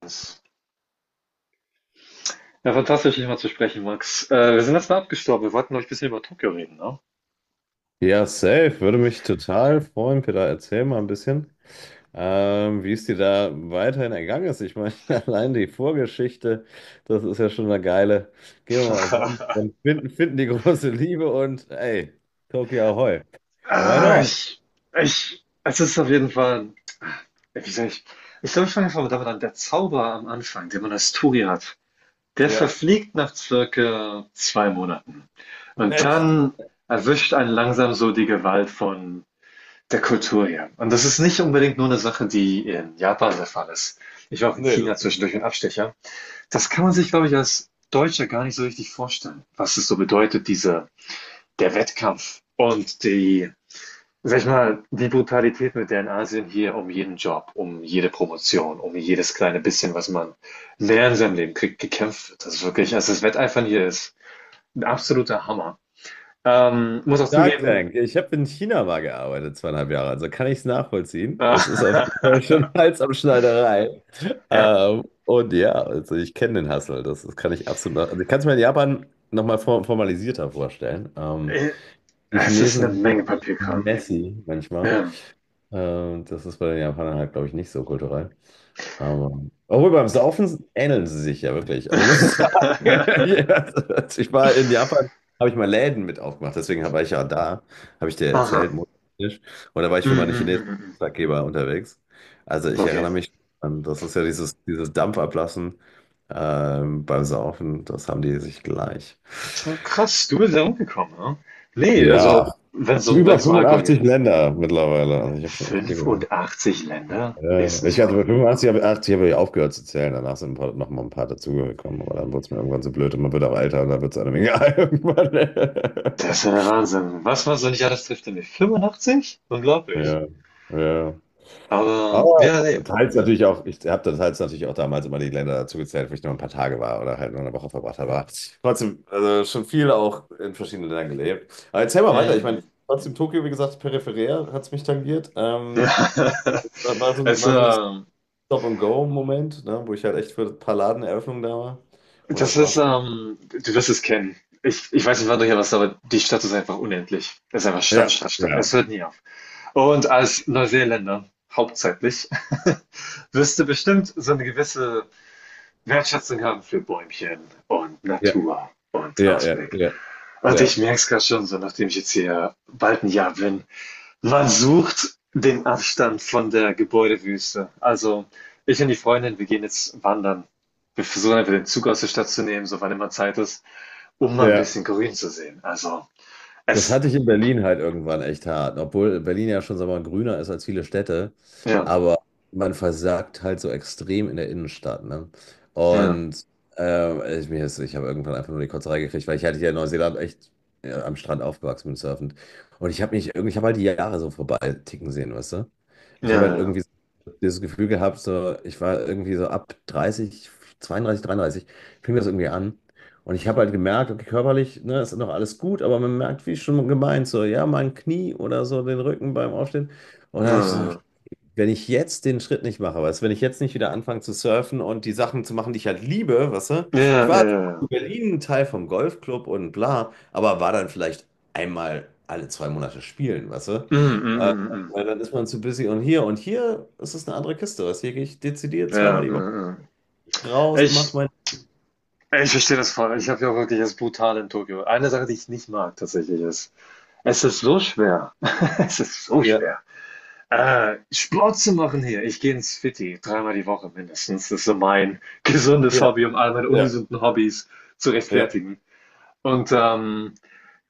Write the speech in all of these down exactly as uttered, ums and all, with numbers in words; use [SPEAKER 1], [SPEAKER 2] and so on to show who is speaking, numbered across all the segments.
[SPEAKER 1] Das- Ja, fantastisch, dich mal zu sprechen, Max. Äh, wir sind jetzt mal abgestorben. Wir wollten, glaube ein bisschen über Tokio reden, ne?
[SPEAKER 2] Ja, safe. Würde mich total freuen, Peter. Erzähl mal ein bisschen, ähm, wie es dir da weiterhin ergangen ist. Ich meine, allein die Vorgeschichte, das ist ja schon eine geile. Gehen wir mal auf Wanderung, finden, finden die große Liebe und ey, Tokio Ahoy. Why
[SPEAKER 1] Ah,
[SPEAKER 2] not?
[SPEAKER 1] ich, ich, Es ist auf jeden Fall, ja, wie sag ich, ich glaube, ich fange einfach mal damit an. Der Zauber am Anfang, den man als Touri hat, der
[SPEAKER 2] Ja,
[SPEAKER 1] verfliegt nach circa zwei Monaten. Und
[SPEAKER 2] echt?
[SPEAKER 1] dann erwischt einen langsam so die Gewalt von der Kultur her. Und das ist nicht unbedingt nur eine Sache, die in Japan der Fall ist. Ich war auch in
[SPEAKER 2] Nee, das
[SPEAKER 1] China
[SPEAKER 2] stimmt.
[SPEAKER 1] zwischendurch ein Abstecher. Das kann man sich, glaube ich, als Deutscher gar nicht so richtig vorstellen, was es so bedeutet, diese der Wettkampf und die, sag ich mal, die Brutalität, mit der in Asien hier um jeden Job, um jede Promotion, um jedes kleine bisschen, was man mehr in seinem Leben kriegt, gekämpft wird. Das ist wirklich, also das Wetteifern hier ist ein absoluter Hammer. Ähm, muss auch
[SPEAKER 2] Shark
[SPEAKER 1] zugeben,
[SPEAKER 2] Tank. Ich habe in China mal gearbeitet, zweieinhalb Jahre, also kann ich es nachvollziehen.
[SPEAKER 1] äh,
[SPEAKER 2] Es ist auf jeden Fall schon Hals am Schneiderei.
[SPEAKER 1] ja,
[SPEAKER 2] Ähm, und ja, also ich kenne den Hustle, das, das kann ich absolut. nach- Also ich kann es mir in Japan nochmal formalisierter vorstellen. Ähm,
[SPEAKER 1] äh,
[SPEAKER 2] die
[SPEAKER 1] es ist
[SPEAKER 2] Chinesen
[SPEAKER 1] eine
[SPEAKER 2] sind
[SPEAKER 1] Menge
[SPEAKER 2] schon echt
[SPEAKER 1] Papierkram.
[SPEAKER 2] messy manchmal.
[SPEAKER 1] Ja.
[SPEAKER 2] Äh, das ist bei den Japanern halt, glaube ich, nicht so kulturell. Aber, obwohl beim Saufen ähneln sie sich ja wirklich. Also muss ich sagen, ja, also ich war in Japan, habe ich mal Läden mit aufgemacht. Deswegen war ich ja da, habe ich dir
[SPEAKER 1] Aha.
[SPEAKER 2] erzählt, monatlich. Und da war ich
[SPEAKER 1] Mm,
[SPEAKER 2] für meine
[SPEAKER 1] mm, mm,
[SPEAKER 2] chinesischen
[SPEAKER 1] mm. Mm.
[SPEAKER 2] Auftraggeber unterwegs. Also ich
[SPEAKER 1] Okay.
[SPEAKER 2] erinnere mich an, das ist ja dieses, dieses Dampfablassen ähm, beim Saufen, das haben die sich gleich.
[SPEAKER 1] Ja, krass, du bist ja umgekommen, ne? Nee,
[SPEAKER 2] Ja,
[SPEAKER 1] also, wenn es um, wenn
[SPEAKER 2] über
[SPEAKER 1] es um Alkohol geht.
[SPEAKER 2] fünfundachtzig Länder mittlerweile. Also ich habe schon echt viel gehört.
[SPEAKER 1] Fünfundachtzig Länder?
[SPEAKER 2] Ja,
[SPEAKER 1] Ist
[SPEAKER 2] ja. Ich
[SPEAKER 1] nicht
[SPEAKER 2] hatte
[SPEAKER 1] wahr.
[SPEAKER 2] bei fünfundachtzig, habe achtzig habe ich aufgehört zu zählen. Danach sind ein paar, noch mal ein paar dazugekommen. Aber dann wurde es mir irgendwann so blöd und man wird auch älter und dann wird es einem egal irgendwann.
[SPEAKER 1] Das ist ja der Wahnsinn. Was man so nicht alles trifft in die Fünfundachtzig? Unglaublich.
[SPEAKER 2] Ja, ja.
[SPEAKER 1] Aber,
[SPEAKER 2] Aber
[SPEAKER 1] ja, nee.
[SPEAKER 2] teils natürlich auch, ich habe dann teils natürlich auch damals immer die Länder dazu gezählt, wo ich nur ein paar Tage war oder halt nur eine Woche verbracht habe. Aber trotzdem, also schon viel auch in verschiedenen Ländern gelebt. Aber erzähl mal weiter. Ich meine,
[SPEAKER 1] Mhm.
[SPEAKER 2] trotzdem Tokio, wie gesagt, peripherär hat es mich tangiert.
[SPEAKER 1] Ja.
[SPEAKER 2] Ähm, war, war so,
[SPEAKER 1] Es,
[SPEAKER 2] war so
[SPEAKER 1] ähm,
[SPEAKER 2] Stop-and-Go-Moment, ne, wo ich halt echt für ein paar Ladeneröffnungen da war. Und das
[SPEAKER 1] Das ist,
[SPEAKER 2] war's.
[SPEAKER 1] ähm, du wirst es kennen. Ich, ich weiß nicht, wann du hier warst, aber die Stadt ist einfach unendlich. Es ist einfach Stadt,
[SPEAKER 2] Ja,
[SPEAKER 1] Stadt, Stadt. Es
[SPEAKER 2] ja,
[SPEAKER 1] hört nie auf. Und als Neuseeländer, hauptsächlich, wirst du bestimmt so eine gewisse wertschätzen kann für Bäumchen und
[SPEAKER 2] ja,
[SPEAKER 1] Natur und
[SPEAKER 2] ja, ja,
[SPEAKER 1] Ausblick.
[SPEAKER 2] ja,
[SPEAKER 1] Und ich
[SPEAKER 2] ja,
[SPEAKER 1] merke es gerade schon so, nachdem ich jetzt hier bald ein Jahr bin. Man sucht den Abstand von der Gebäudewüste. Also ich und die Freundin, wir gehen jetzt wandern. Wir versuchen einfach den Zug aus der Stadt zu nehmen, so wann immer Zeit ist, um mal ein
[SPEAKER 2] ja.
[SPEAKER 1] bisschen grün zu sehen. Also
[SPEAKER 2] Das
[SPEAKER 1] es,
[SPEAKER 2] hatte ich in Berlin halt irgendwann echt hart, obwohl Berlin ja schon, sagen wir mal, grüner ist als viele Städte,
[SPEAKER 1] ja,
[SPEAKER 2] aber man versagt halt so extrem in der Innenstadt, ne?
[SPEAKER 1] ja,
[SPEAKER 2] Und äh, ich, mir ist, ich habe irgendwann einfach nur die Kotzerei gekriegt, weil ich hatte ja in Neuseeland echt äh, am Strand aufgewachsen bin surfend. Und ich habe mich irgendwie, ich habe halt die Jahre so vorbei ticken sehen, weißt du? Ich habe halt
[SPEAKER 1] ja,
[SPEAKER 2] irgendwie so dieses Gefühl gehabt, so, ich war irgendwie so ab dreißig, zweiunddreißig, dreiunddreißig, fing das irgendwie an und ich habe halt gemerkt, okay, körperlich, ne, ist noch alles gut, aber man merkt, wie schon gemeint, so, ja, mein Knie oder so, den Rücken beim Aufstehen. Und dann habe ich so,
[SPEAKER 1] ja,
[SPEAKER 2] wenn ich jetzt den Schritt nicht mache, weißt du, wenn ich jetzt nicht wieder anfange zu surfen und die Sachen zu machen, die ich halt liebe, weißt du, ich
[SPEAKER 1] ja, ja,
[SPEAKER 2] war in
[SPEAKER 1] ja,
[SPEAKER 2] Berlin Teil vom Golfclub und bla, aber war dann vielleicht einmal alle zwei Monate spielen, weißt du.
[SPEAKER 1] ja, ja, ja,
[SPEAKER 2] Äh,
[SPEAKER 1] ja, ja,
[SPEAKER 2] Weil dann ist man zu busy und hier und hier ist es eine andere Kiste, weißt du, hier gehe ich dezidiert
[SPEAKER 1] ja,
[SPEAKER 2] zweimal
[SPEAKER 1] ja,
[SPEAKER 2] die
[SPEAKER 1] ja,
[SPEAKER 2] Woche
[SPEAKER 1] ja, ja.
[SPEAKER 2] raus, mach
[SPEAKER 1] Ich
[SPEAKER 2] mein.
[SPEAKER 1] Ich verstehe das voll. Ich habe ja auch wirklich das brutal in Tokio. Eine Sache, die ich nicht mag tatsächlich ist, es ist so schwer. Es ist so
[SPEAKER 2] Ja,
[SPEAKER 1] schwer. Äh, Sport zu machen hier. Ich gehe ins Fitti dreimal die Woche mindestens. Das ist so mein gesundes
[SPEAKER 2] ja,
[SPEAKER 1] Hobby, um all meine
[SPEAKER 2] ja,
[SPEAKER 1] ungesunden Hobbys zu
[SPEAKER 2] ja.
[SPEAKER 1] rechtfertigen. Und ähm,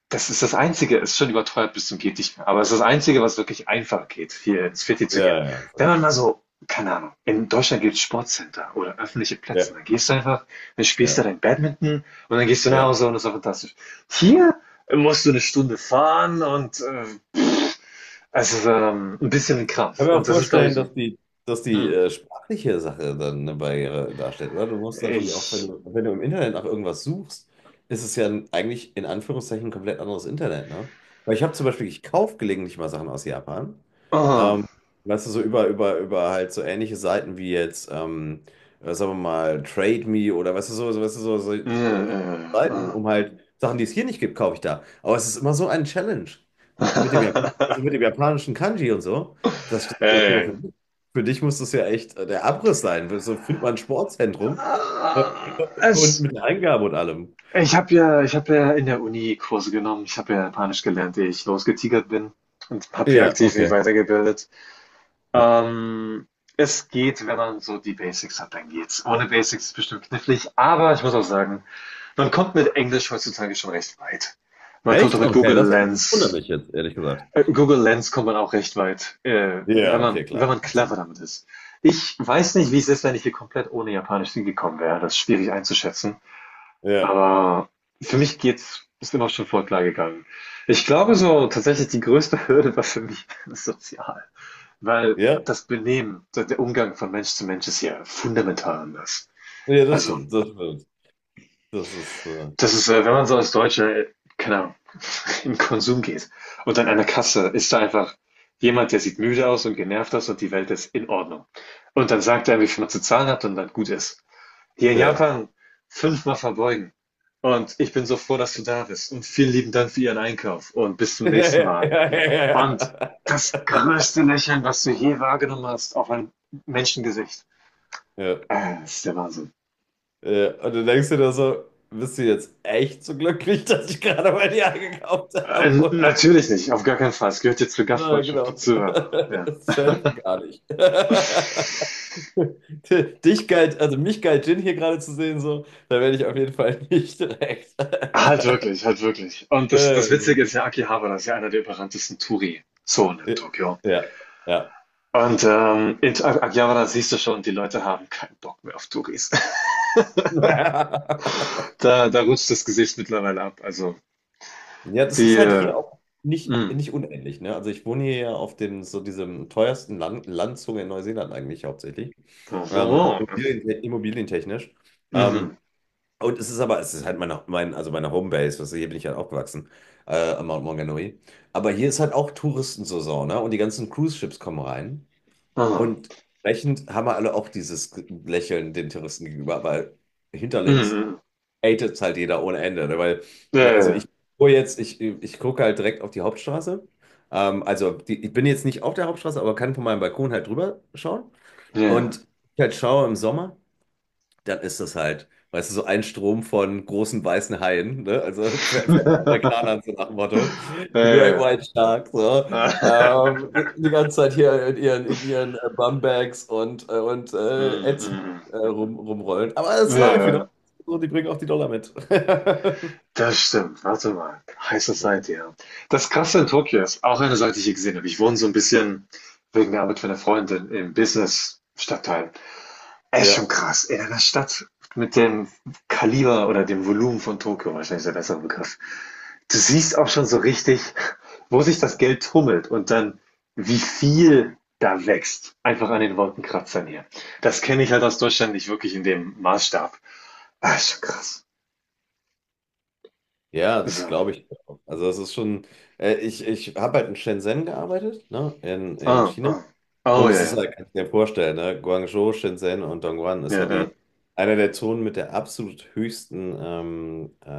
[SPEAKER 1] das ist das Einzige, ist schon überteuert bis zum geht nicht mehr, aber es ist das Einzige, was wirklich einfach geht, hier ins Fitti zu
[SPEAKER 2] Ja,
[SPEAKER 1] gehen.
[SPEAKER 2] ja,
[SPEAKER 1] Wenn
[SPEAKER 2] ja,
[SPEAKER 1] man mal so, keine Ahnung, in Deutschland gibt es Sportcenter oder öffentliche Plätze,
[SPEAKER 2] ja,
[SPEAKER 1] dann gehst du einfach, dann spielst du
[SPEAKER 2] ja.
[SPEAKER 1] dein Badminton und dann gehst du nach
[SPEAKER 2] Ja.
[SPEAKER 1] Hause und das ist doch fantastisch. Hier musst du eine Stunde fahren und äh, also ähm, ein bisschen ein
[SPEAKER 2] Ich kann
[SPEAKER 1] Krampf.
[SPEAKER 2] mir auch
[SPEAKER 1] Und das ist, glaube ich,
[SPEAKER 2] vorstellen,
[SPEAKER 1] so.
[SPEAKER 2] dass die, dass die
[SPEAKER 1] Hm.
[SPEAKER 2] äh, sprachliche Sache dann eine Barriere darstellt, oder? Du musst natürlich auch, wenn
[SPEAKER 1] Ich.
[SPEAKER 2] du, wenn du im Internet nach irgendwas suchst, ist es ja ein- eigentlich in Anführungszeichen ein komplett anderes Internet, ne? Weil ich habe zum Beispiel, ich kaufe gelegentlich mal Sachen aus Japan.
[SPEAKER 1] Oh.
[SPEAKER 2] Ähm, Weißt du, so über, über, über halt so ähnliche Seiten wie jetzt, ähm, äh, sagen wir mal, Trade Me oder weißt du, so, so, weißt du, so, so,
[SPEAKER 1] Äh,
[SPEAKER 2] so
[SPEAKER 1] äh,
[SPEAKER 2] Seiten,
[SPEAKER 1] oh.
[SPEAKER 2] um halt Sachen, die es hier nicht gibt, kaufe ich da. Aber es ist immer so ein Challenge mit dem Japan, also mit dem japanischen Kanji und so. Das stelle ich mir
[SPEAKER 1] Äh,
[SPEAKER 2] vor.
[SPEAKER 1] äh,
[SPEAKER 2] Für für dich muss das ja echt äh, der Abriss sein. So fühlt man ein Sportzentrum äh,
[SPEAKER 1] äh.
[SPEAKER 2] und
[SPEAKER 1] es
[SPEAKER 2] mit Eingabe und allem.
[SPEAKER 1] Ich habe ja, ich habe ja in der Uni Kurse genommen. Ich habe ja Japanisch gelernt, ehe ich losgetigert bin und habe hier
[SPEAKER 2] Ja,
[SPEAKER 1] aktiv mich
[SPEAKER 2] okay.
[SPEAKER 1] weitergebildet.
[SPEAKER 2] Äh,
[SPEAKER 1] Ähm, Es geht, wenn man so die Basics hat, dann geht's. Ohne Basics ist bestimmt knifflig, aber ich muss auch sagen, man kommt mit Englisch heutzutage schon recht weit. Man kommt auch
[SPEAKER 2] Echt?
[SPEAKER 1] mit
[SPEAKER 2] Okay,
[SPEAKER 1] Google
[SPEAKER 2] das, hat, das wundert
[SPEAKER 1] Lens.
[SPEAKER 2] mich jetzt, ehrlich gesagt.
[SPEAKER 1] Äh, Google Lens kommt man auch recht weit, äh, wenn
[SPEAKER 2] Ja,
[SPEAKER 1] man,
[SPEAKER 2] okay,
[SPEAKER 1] wenn
[SPEAKER 2] klar,
[SPEAKER 1] man
[SPEAKER 2] macht Sinn.
[SPEAKER 1] clever damit ist. Ich weiß nicht, wie es ist, wenn ich hier komplett ohne Japanisch hingekommen wäre. Das ist schwierig einzuschätzen.
[SPEAKER 2] Ja,
[SPEAKER 1] Aber für mich geht's, ist immer schon voll klar gegangen. Ich glaube so, tatsächlich die größte Hürde war für mich sozial. Weil
[SPEAKER 2] ja,
[SPEAKER 1] das Benehmen, der der Umgang von Mensch zu Mensch ist ja fundamental anders.
[SPEAKER 2] ja, das
[SPEAKER 1] Also,
[SPEAKER 2] stimmt, das stimmt. Das ist, äh,
[SPEAKER 1] das ist, äh, wenn man so als Deutscher, äh, keine Ahnung, in den Konsum geht und an einer Kasse ist da einfach jemand, der sieht müde aus und genervt aus und die Welt ist in Ordnung. Und dann sagt er, wie viel man zu zahlen hat und dann gut ist. Hier in
[SPEAKER 2] ja.
[SPEAKER 1] Japan fünfmal verbeugen. Und ich bin so froh, dass du da bist. Und vielen lieben Dank für Ihren Einkauf. Und bis zum nächsten
[SPEAKER 2] Ja,
[SPEAKER 1] Mal.
[SPEAKER 2] ja, ja.
[SPEAKER 1] Und das
[SPEAKER 2] Ja.
[SPEAKER 1] größte Lächeln, was du je wahrgenommen hast, auf ein Menschengesicht.
[SPEAKER 2] Ja,
[SPEAKER 1] Äh, das ist der Wahnsinn.
[SPEAKER 2] ja. Und dann denkst du dir so, bist du jetzt echt so glücklich, dass ich gerade bei dir eingekauft
[SPEAKER 1] Äh,
[SPEAKER 2] habe?
[SPEAKER 1] natürlich nicht, auf gar keinen Fall. Es gehört jetzt zur
[SPEAKER 2] Na,
[SPEAKER 1] Gastfreundschaft
[SPEAKER 2] genau.
[SPEAKER 1] dazu, aber ja.
[SPEAKER 2] Safe gar nicht. Dich galt, also mich galt Jin hier gerade zu sehen, so, da werde ich auf jeden Fall nicht direkt.
[SPEAKER 1] Halt wirklich, halt wirklich. Und das,
[SPEAKER 2] Ja,
[SPEAKER 1] das Witzige
[SPEAKER 2] so.
[SPEAKER 1] ist ja, Akihabara ist ja einer der überranntesten Touri-Zonen in Tokio.
[SPEAKER 2] Ja. Ja.
[SPEAKER 1] Und ähm, in Akihabara siehst du schon, die Leute haben keinen Bock mehr auf Touris. Da da rutscht das Gesicht mittlerweile ab. Also,
[SPEAKER 2] Ja, das
[SPEAKER 1] die,
[SPEAKER 2] ist halt
[SPEAKER 1] äh,
[SPEAKER 2] hier auch nicht,
[SPEAKER 1] mhm.
[SPEAKER 2] nicht unähnlich, ne? Also ich wohne hier ja auf dem, so diesem teuersten Land, Landzunge in Neuseeland eigentlich hauptsächlich. Ähm, Immobilien, immobilientechnisch.
[SPEAKER 1] Mhm.
[SPEAKER 2] Ähm, Und es ist aber, es ist halt meine, mein, also meine Homebase, weißt du, hier bin ich halt aufgewachsen, äh, am Mount Maunganui. Aber hier ist halt auch Touristensaison, ne? Und die ganzen Cruise-Ships kommen rein.
[SPEAKER 1] Aha.
[SPEAKER 2] Und entsprechend haben wir alle auch dieses Lächeln den Touristen gegenüber, weil
[SPEAKER 1] Mhm,
[SPEAKER 2] hinterlinks
[SPEAKER 1] mhm.
[SPEAKER 2] hatet's halt jeder ohne Ende, ne? Weil,
[SPEAKER 1] Ja,
[SPEAKER 2] ne, also ich
[SPEAKER 1] ja,
[SPEAKER 2] gucke jetzt, ich, ich gucke halt direkt auf die Hauptstraße. Ähm, also die, ich bin jetzt nicht auf der Hauptstraße, aber kann von meinem Balkon halt drüber schauen.
[SPEAKER 1] ja.
[SPEAKER 2] Und ich halt schaue im Sommer dann ist das halt, weißt du, so ein Strom von großen weißen Haien, ne? Also für, für den
[SPEAKER 1] Ja, ja.
[SPEAKER 2] Amerikanern so nach dem Motto,
[SPEAKER 1] Ja,
[SPEAKER 2] The
[SPEAKER 1] ja,
[SPEAKER 2] Great
[SPEAKER 1] ja.
[SPEAKER 2] White Shark, so. Ähm, Die ganze Zeit hier in ihren, in ihren äh, Bumbags und, äh, und äh,
[SPEAKER 1] Mhm,
[SPEAKER 2] Ätzen
[SPEAKER 1] mhm.
[SPEAKER 2] äh, rum, rumrollen. Aber es
[SPEAKER 1] Ja,
[SPEAKER 2] ist
[SPEAKER 1] ja,
[SPEAKER 2] live, you know?
[SPEAKER 1] ja.
[SPEAKER 2] So, die bringen auch die Dollar mit.
[SPEAKER 1] Das stimmt. Warte mal. High
[SPEAKER 2] Ja.
[SPEAKER 1] Society, ja. Das Krasse in Tokio ist auch eine Seite, die ich hier gesehen habe. Ich wohne so ein bisschen wegen der Arbeit von 'ner Freundin im Business-Stadtteil. Echt schon
[SPEAKER 2] Ja,
[SPEAKER 1] krass. In einer Stadt mit dem Kaliber oder dem Volumen von Tokio, wahrscheinlich ist der bessere Begriff. Du siehst auch schon so richtig, wo sich das Geld tummelt und dann, wie viel da wächst. Einfach an den Wolkenkratzern hier. Das kenne ich halt aus Deutschland nicht wirklich in dem Maßstab. Ah, ist schon krass.
[SPEAKER 2] ja, das
[SPEAKER 1] So.
[SPEAKER 2] glaube ich. Also das ist schon, äh, ich, ich habe halt in Shenzhen gearbeitet, ne? In, in
[SPEAKER 1] Ah,
[SPEAKER 2] China.
[SPEAKER 1] ah. Oh,
[SPEAKER 2] Und es
[SPEAKER 1] ja,
[SPEAKER 2] ist
[SPEAKER 1] ja.
[SPEAKER 2] halt, kannst du dir ja vorstellen, ne? Guangzhou, Shenzhen und Dongguan ist
[SPEAKER 1] Ja,
[SPEAKER 2] ja
[SPEAKER 1] ja,
[SPEAKER 2] die, einer der Zonen mit der absolut höchsten ähm, äh,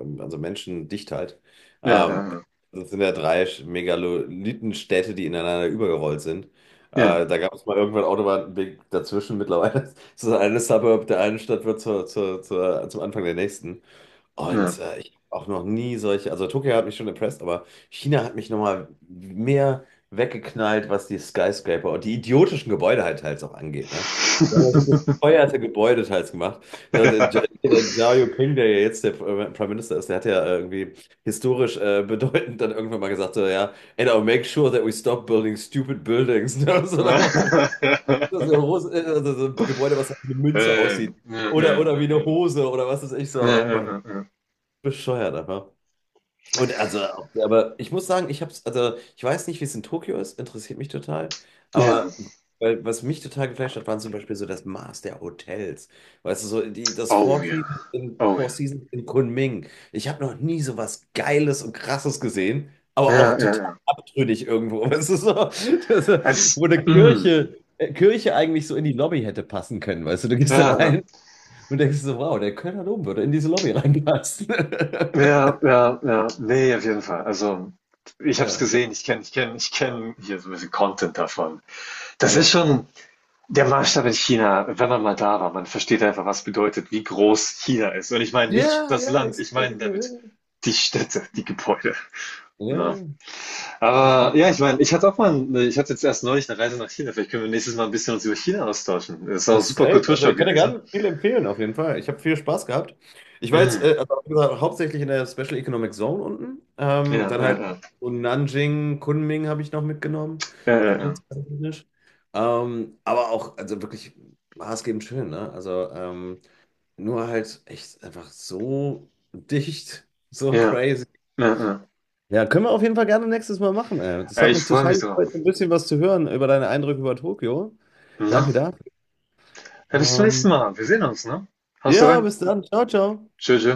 [SPEAKER 2] ähm, also Menschendichtheit.
[SPEAKER 1] ja,
[SPEAKER 2] Ähm,
[SPEAKER 1] ja,
[SPEAKER 2] Das sind ja drei Megalithenstädte, die ineinander übergerollt sind.
[SPEAKER 1] ja.
[SPEAKER 2] Äh, da gab es mal irgendwann Autobahnweg dazwischen. Mittlerweile ist das eine Suburb der einen Stadt wird zur, zur, zur, zum Anfang der nächsten.
[SPEAKER 1] Ja, ja.
[SPEAKER 2] Und äh, ich hab auch noch nie solche, also Tokio hat mich schon impressed, aber China hat mich nochmal mehr weggeknallt, was die Skyscraper und die idiotischen Gebäude halt teils auch angeht. Ne? Die haben ja so bescheuerte Gebäude teils gemacht. Ja, und der, Ja- der Xi Jinping, der ja jetzt der äh, Prime Minister ist, der hat ja äh, irgendwie historisch äh, bedeutend dann irgendwann mal gesagt, so, ja, and I'll make sure that we stop building stupid buildings. Ne? So nach dem Motto, das ist ja groß- äh, also so ein Gebäude, was halt wie eine Münze
[SPEAKER 1] Äh,
[SPEAKER 2] aussieht.
[SPEAKER 1] ja,
[SPEAKER 2] Oder,
[SPEAKER 1] ja,
[SPEAKER 2] oder wie eine Hose oder was ist ich so.
[SPEAKER 1] ja,
[SPEAKER 2] Oh mein
[SPEAKER 1] ja, ja.
[SPEAKER 2] bescheuert einfach. Und also, aber ich muss sagen, ich hab's, also ich weiß nicht, wie es in Tokio ist, interessiert mich total.
[SPEAKER 1] Ja, Ja.
[SPEAKER 2] Aber Weil, was mich total geflasht hat, waren zum Beispiel so das Maß der Hotels. Weißt du, so die, das
[SPEAKER 1] Oh
[SPEAKER 2] Four
[SPEAKER 1] ja.
[SPEAKER 2] Seasons in,
[SPEAKER 1] Oh
[SPEAKER 2] Four
[SPEAKER 1] ja.
[SPEAKER 2] Seasons in Kunming. Ich habe noch nie so was Geiles und Krasses gesehen, aber auch
[SPEAKER 1] Ja, ja,
[SPEAKER 2] total
[SPEAKER 1] ja.
[SPEAKER 2] abtrünnig irgendwo. Weißt du, so, das, wo
[SPEAKER 1] Es,
[SPEAKER 2] eine
[SPEAKER 1] mm,
[SPEAKER 2] Kirche, äh, Kirche eigentlich so in die Lobby hätte passen können. Weißt du, du gehst da
[SPEAKER 1] ja, ja,
[SPEAKER 2] rein und denkst so, wow, der Kölner Dom würde in diese Lobby reinpassen.
[SPEAKER 1] ja, ja, ja. Nee, auf jeden Fall. Also, ich habe es
[SPEAKER 2] Ja.
[SPEAKER 1] gesehen, ich kenne ich kenne ich kenne hier so ein bisschen Content davon. Das
[SPEAKER 2] Ja,
[SPEAKER 1] ist schon der Maßstab in China, wenn man mal da war. Man versteht einfach, was bedeutet, wie groß China ist. Und ich meine nicht
[SPEAKER 2] ja,
[SPEAKER 1] das
[SPEAKER 2] ja,
[SPEAKER 1] Land,
[SPEAKER 2] das,
[SPEAKER 1] ich
[SPEAKER 2] das,
[SPEAKER 1] meine damit
[SPEAKER 2] ja,
[SPEAKER 1] die Städte, die Gebäude,
[SPEAKER 2] ja,
[SPEAKER 1] Na,
[SPEAKER 2] ja, das ist schon
[SPEAKER 1] aber ja,
[SPEAKER 2] cool.
[SPEAKER 1] ich meine, ich hatte auch mal 'n ich hatte jetzt erst neulich eine Reise nach China. Vielleicht können wir nächstes Mal ein bisschen uns über China austauschen. Das ist auch ein
[SPEAKER 2] Das ist
[SPEAKER 1] super
[SPEAKER 2] safe. Also
[SPEAKER 1] Kulturschock
[SPEAKER 2] ich kann dir
[SPEAKER 1] gewesen.
[SPEAKER 2] gerne viel empfehlen, auf jeden Fall. Ich habe viel Spaß gehabt. Ich war jetzt,
[SPEAKER 1] Mhm.
[SPEAKER 2] äh, also, wie gesagt, hauptsächlich in der Special Economic Zone unten. Ähm,
[SPEAKER 1] Ja,
[SPEAKER 2] dann
[SPEAKER 1] ja,
[SPEAKER 2] halt
[SPEAKER 1] ja.
[SPEAKER 2] so Nanjing, Kunming habe ich noch mitgenommen,
[SPEAKER 1] Ja, ja, ja.
[SPEAKER 2] geschäftstechnisch. Ähm, aber auch, also wirklich maßgebend schön, ne? Also ähm, nur halt echt einfach so dicht, so
[SPEAKER 1] Ja,
[SPEAKER 2] crazy.
[SPEAKER 1] ja, ja.
[SPEAKER 2] Ja, können wir auf jeden Fall gerne nächstes Mal machen. Ey. Das
[SPEAKER 1] Äh,
[SPEAKER 2] hat
[SPEAKER 1] ich
[SPEAKER 2] mich
[SPEAKER 1] freue mich
[SPEAKER 2] total gefreut, so
[SPEAKER 1] drauf,
[SPEAKER 2] ein bisschen was zu hören über deine Eindrücke über Tokio.
[SPEAKER 1] na.
[SPEAKER 2] Danke dafür.
[SPEAKER 1] Ja, bis zum nächsten
[SPEAKER 2] Ähm,
[SPEAKER 1] Mal. Wir sehen uns, ne? Haust
[SPEAKER 2] ja,
[SPEAKER 1] rein.
[SPEAKER 2] bis dann. Ciao, ciao.
[SPEAKER 1] Tschö, tschö.